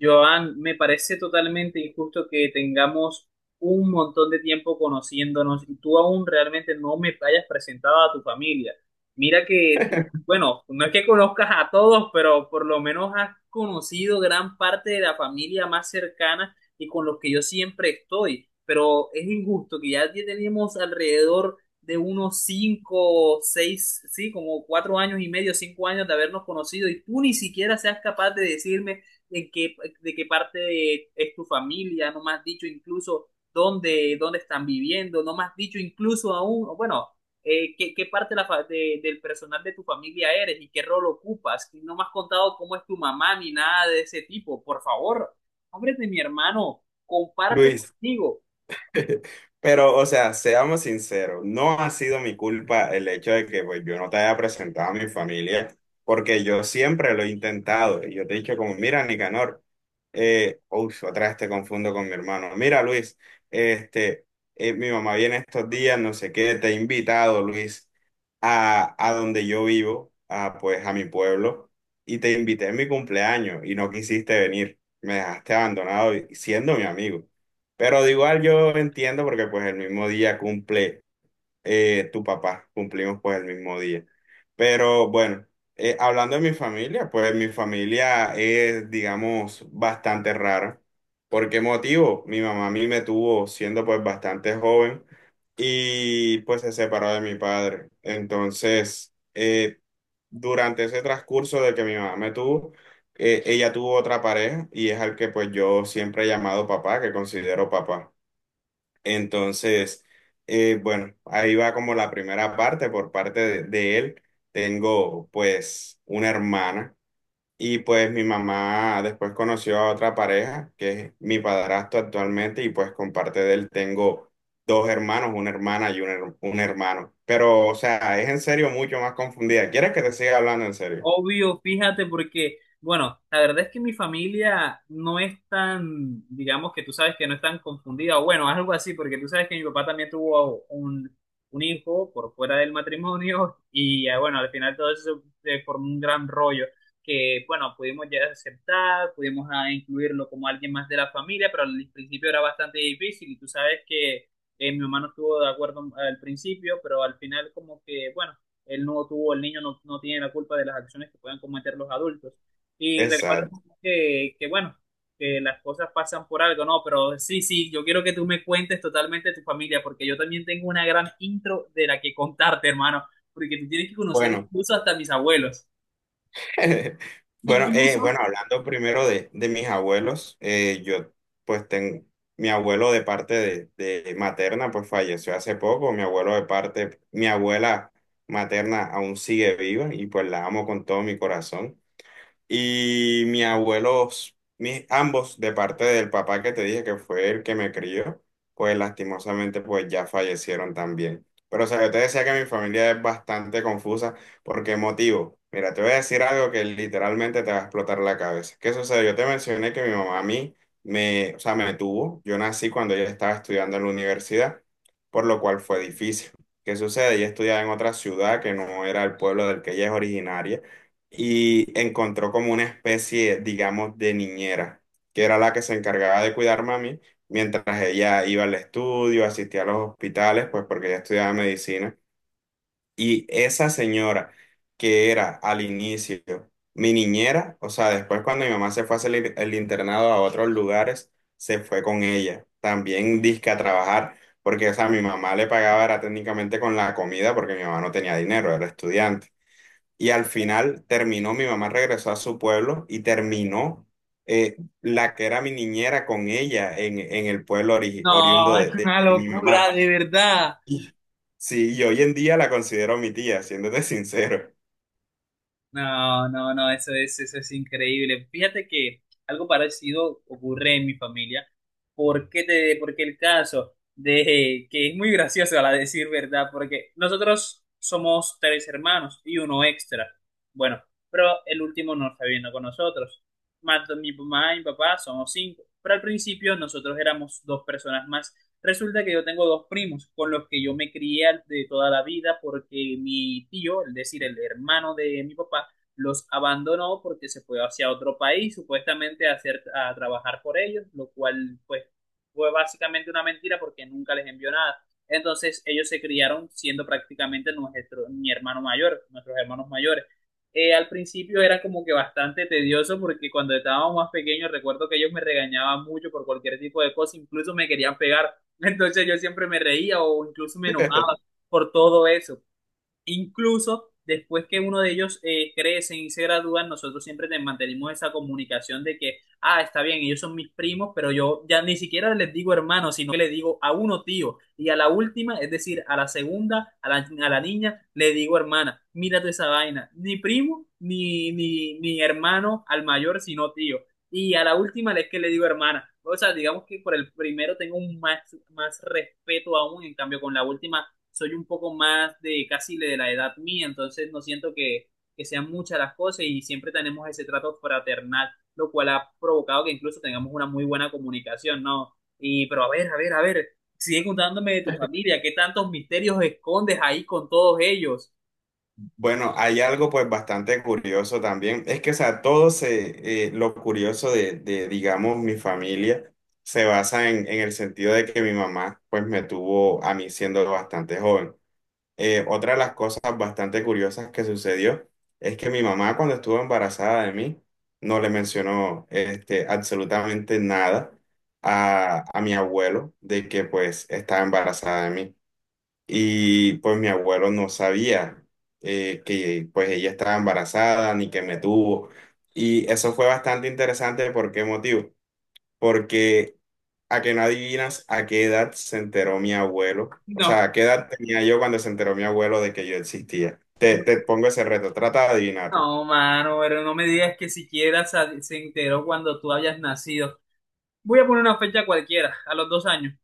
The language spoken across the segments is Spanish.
Joan, me parece totalmente injusto que tengamos un montón de tiempo conociéndonos y tú aún realmente no me hayas presentado a tu familia. Mira que tú, bueno, no es que conozcas a todos, pero por lo menos has conocido gran parte de la familia más cercana y con los que yo siempre estoy. Pero es injusto que ya tenemos alrededor de unos cinco, seis, sí, como 4 años y medio, 5 años de habernos conocido y tú ni siquiera seas capaz de decirme de qué, de qué parte es tu familia, no me has dicho incluso dónde están viviendo, no me has dicho incluso aún, o bueno, qué parte de la del personal de tu familia eres y qué rol ocupas, y no me has contado cómo es tu mamá ni nada de ese tipo, por favor, hombre de mi hermano, comparte Luis, conmigo. pero o sea, seamos sinceros, no ha sido mi culpa el hecho de que pues, yo no te haya presentado a mi familia, porque yo siempre lo he intentado. Y yo te he dicho como, mira, Nicanor, uy, otra vez te confundo con mi hermano. Mira, Luis, este, mi mamá viene estos días, no sé qué, te he invitado, Luis, a donde yo vivo, a, pues a mi pueblo, y te invité en mi cumpleaños y no quisiste venir. Me dejaste abandonado y- siendo mi amigo. Pero de igual yo entiendo porque pues el mismo día cumple tu papá, cumplimos pues el mismo día. Pero bueno, hablando de mi familia, pues mi familia es, digamos, bastante rara. ¿Por qué motivo? Mi mamá a mí me tuvo siendo pues bastante joven y pues se separó de mi padre. Entonces, durante ese transcurso de que mi mamá me tuvo, ella tuvo otra pareja y es al que pues yo siempre he llamado papá, que considero papá. Entonces, bueno, ahí va como la primera parte por parte de él. Tengo pues una hermana y pues mi mamá después conoció a otra pareja que es mi padrastro actualmente y pues con parte de él tengo dos hermanos, una hermana y un, her- un hermano. Pero o sea, es en serio mucho más confundida. ¿Quieres que te siga hablando en serio? Obvio, fíjate, porque, bueno, la verdad es que mi familia no es tan, digamos que tú sabes que no es tan confundida, o bueno, algo así, porque tú sabes que mi papá también tuvo un hijo por fuera del matrimonio y bueno, al final todo eso se formó un gran rollo que, bueno, pudimos ya aceptar, pudimos incluirlo como alguien más de la familia, pero al principio era bastante difícil y tú sabes que mi mamá no estuvo de acuerdo al principio, pero al final como que, bueno, él no tuvo, el niño no, no tiene la culpa de las acciones que puedan cometer los adultos. Y recuerda Exacto. Bueno, que las cosas pasan por algo, ¿no? Pero sí, sí, yo quiero que tú me cuentes totalmente de tu familia, porque yo también tengo una gran intro de la que contarte, hermano, porque tú tienes que conocer Bueno. incluso hasta mis abuelos. Bueno, Incluso. bueno, hablando primero de mis abuelos, yo pues tengo mi abuelo de parte de materna, pues falleció hace poco, mi abuelo de parte, mi abuela materna aún sigue viva y pues la amo con todo mi corazón. Y mis abuelos, mis, ambos, de parte del papá que te dije que fue el que me crió, pues lastimosamente pues ya fallecieron también. Pero o sea, yo te decía que mi familia es bastante confusa. ¿Por qué motivo? Mira, te voy a decir algo que literalmente te va a explotar la cabeza. ¿Qué sucede? Yo te mencioné que mi mamá a mí me, o sea, me tuvo. Yo nací cuando ella estaba estudiando en la universidad, por lo cual fue difícil. ¿Qué sucede? Ella estudiaba en otra ciudad que no era el pueblo del que ella es originaria y encontró como una especie, digamos, de niñera, que era la que se encargaba de cuidar a mí mientras ella iba al estudio, asistía a los hospitales, pues porque ella estudiaba medicina. Y esa señora que era al inicio mi niñera, o sea, después cuando mi mamá se fue a hacer el internado a otros lugares, se fue con ella, también disque a trabajar. Porque, o sea, mi mamá le pagaba era técnicamente con la comida porque mi mamá no tenía dinero, era estudiante. Y al final terminó, mi mamá regresó a su pueblo y terminó la que era mi niñera con ella en el pueblo ori- oriundo No, es una de mi locura, mamá. de verdad. Y, sí, y hoy en día la considero mi tía, siéndote sincero. No, no, no, eso es increíble. Fíjate que algo parecido ocurre en mi familia. ¿Por qué te, porque el caso de que es muy gracioso a la decir verdad? Porque nosotros somos tres hermanos y uno extra. Bueno, pero el último no está viviendo con nosotros. Más mi mamá y mi papá somos cinco. Pero al principio nosotros éramos dos personas más. Resulta que yo tengo dos primos con los que yo me crié de toda la vida porque mi tío, es decir, el hermano de mi papá, los abandonó porque se fue hacia otro país, supuestamente a trabajar por ellos, lo cual pues fue básicamente una mentira porque nunca les envió nada. Entonces ellos se criaron siendo prácticamente nuestros hermanos mayores. Al principio era como que bastante tedioso porque cuando estábamos más pequeños recuerdo que ellos me regañaban mucho por cualquier tipo de cosa, incluso me querían pegar. Entonces yo siempre me reía o incluso me enojaba por todo eso. Incluso después que uno de ellos crecen y se gradúan, nosotros siempre mantenemos esa comunicación de que, ah, está bien, ellos son mis primos, pero yo ya ni siquiera les digo hermano, sino que le digo a uno tío. Y a la última, es decir, a la segunda, a la niña, le digo hermana, mírate esa vaina. Ni primo, ni hermano al mayor, sino tío. Y a la última es que le digo hermana. O sea, digamos que por el primero tengo un más, más respeto aún, en cambio con la última soy un poco más de casi de la edad mía, entonces no siento que sean muchas las cosas y siempre tenemos ese trato fraternal, lo cual ha provocado que incluso tengamos una muy buena comunicación, ¿no? Y, pero a ver, a ver, a ver, sigue contándome de tu familia, ¿qué tantos misterios escondes ahí con todos ellos? Bueno, hay algo pues bastante curioso también. Es que, o sea, todo se, lo curioso de, digamos, mi familia se basa en el sentido de que mi mamá pues me tuvo a mí siendo bastante joven. Otra de las cosas bastante curiosas que sucedió es que mi mamá cuando estuvo embarazada de mí no le mencionó este, absolutamente nada a, a mi abuelo de que pues estaba embarazada de mí. Y pues mi abuelo no sabía que pues ella estaba embarazada ni que me tuvo. Y eso fue bastante interesante. ¿Por qué motivo? Porque a que no adivinas a qué edad se enteró mi abuelo. O No, sea, a qué edad tenía yo cuando se enteró mi abuelo de que yo existía. Te, no, te pongo ese reto, trata de adivinarlo. no, mano, pero no me digas que siquiera se enteró cuando tú hayas nacido. Voy a poner una fecha cualquiera, a los 2 años.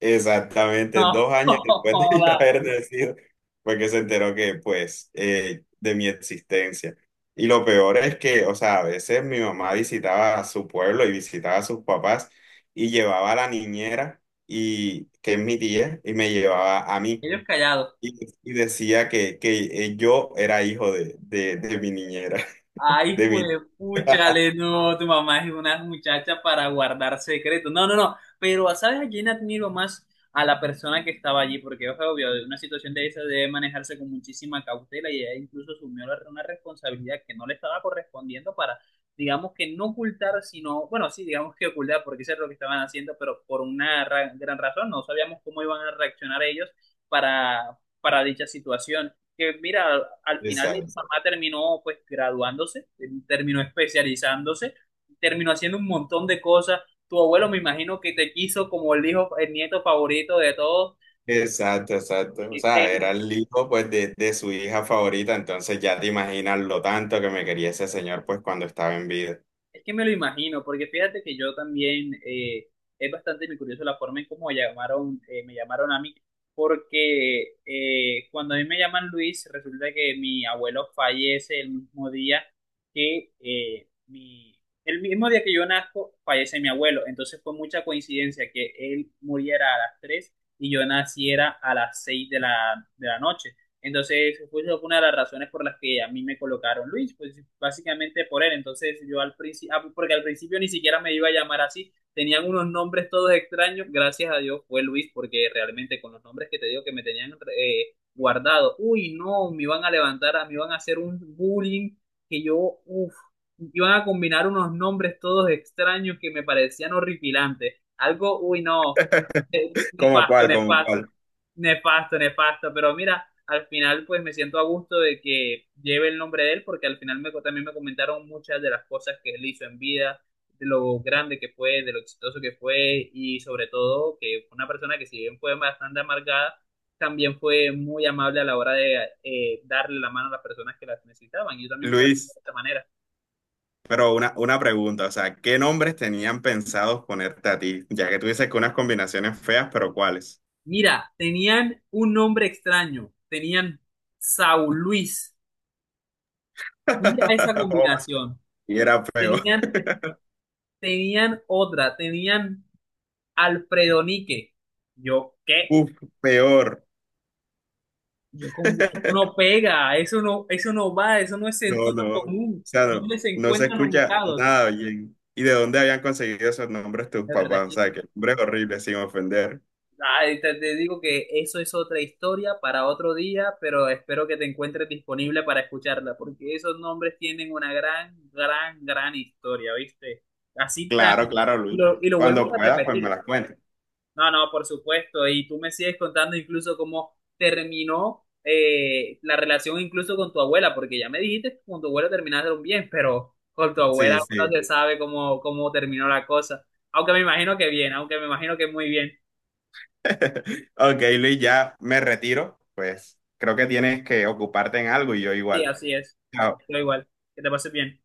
Exactamente, No, 2 años después de joda, yo haber nacido, fue que se enteró que, pues, de mi existencia. Y lo peor es que, o sea, a veces mi mamá visitaba a su pueblo y visitaba a sus papás y llevaba a la niñera, y, que es mi tía, y me llevaba a mí. ellos callados. Y, y decía que yo era hijo de mi niñera, Ay, de mi... juepúchale, no, tu mamá es una muchacha para guardar secretos. No, no, no, pero ¿sabes a quién admiro más? A la persona que estaba allí, porque es obvio, una situación de esa debe manejarse con muchísima cautela y ella incluso asumió una responsabilidad que no le estaba correspondiendo para, digamos que no ocultar, sino, bueno, sí, digamos que ocultar, porque eso es lo que estaban haciendo, pero por una gran razón, no sabíamos cómo iban a reaccionar ellos para, para dicha situación que mira, al final de Exacto, mamá terminó pues graduándose, terminó especializándose, terminó haciendo un montón de cosas. Tu abuelo me imagino que te quiso como el hijo, el nieto favorito de todos. exacto, exacto. O sea, era el hijo pues de su hija favorita, entonces ya te imaginas lo tanto que me quería ese señor pues cuando estaba en vida. Es que me lo imagino, porque fíjate que yo también es bastante curioso la forma en cómo llamaron, me llamaron a mí, porque cuando a mí me llaman Luis, resulta que mi abuelo fallece el mismo día que el mismo día que yo nazco, fallece mi abuelo. Entonces fue mucha coincidencia que él muriera a las 3 y yo naciera a las 6 de la noche. Entonces, fue una de las razones por las que a mí me colocaron Luis, pues básicamente por él. Entonces, yo al principio, ah, porque al principio ni siquiera me iba a llamar así, tenían unos nombres todos extraños, gracias a Dios fue Luis, porque realmente con los nombres que te digo que me tenían guardado, uy, no, me iban a levantar, me iban a hacer un bullying que yo, uff, iban a combinar unos nombres todos extraños que me parecían horripilantes. Algo, uy, no. ¿Cómo Nefasto, cuál, cómo nefasto, cuál? nefasto, nefasto, pero mira, al final pues me siento a gusto de que lleve el nombre de él porque al final me, también me comentaron muchas de las cosas que él hizo en vida, de lo grande que fue, de lo exitoso que fue y sobre todo que fue una persona que si bien fue bastante amargada, también fue muy amable a la hora de darle la mano a las personas que las necesitaban y yo también me considero Luis, de esta manera. pero una pregunta, o sea, ¿qué nombres tenían pensados ponerte a ti? Ya que tú dices que unas combinaciones feas, pero ¿cuáles? Mira, tenían un nombre extraño, tenían Saúl Luis, mira esa Oh, combinación. y era peor. Tenían, tenían otra, tenían Alfredo Nique. Yo, ¿qué? Uf, peor. Yo con eso no pega, eso no va, eso no es No, sentido no, o común. sea, no, ¿Dónde se no se encuentran escucha ubicados? nada bien. ¿Y de dónde habían conseguido esos nombres tus De verdad, papás? O sea, que nombres horribles, sin ofender. ay, te digo que eso es otra historia para otro día, pero espero que te encuentres disponible para escucharla, porque esos nombres tienen una gran, gran, gran historia, ¿viste? Así tan, Claro, claro, y Luis. lo, y lo Cuando vuelvo a puedas, pues me repetir. las cuentes. No, no, por supuesto. Y tú me sigues contando incluso cómo terminó la relación incluso con tu abuela, porque ya me dijiste que con tu abuela terminaron bien, pero con tu abuela Sí, no sí. se sabe cómo terminó la cosa. Aunque me imagino que bien, aunque me imagino que muy bien. Ok, Luis, ya me retiro. Pues creo que tienes que ocuparte en algo y yo Sí, igual. así es. Chao. Yo igual. Que te pases bien.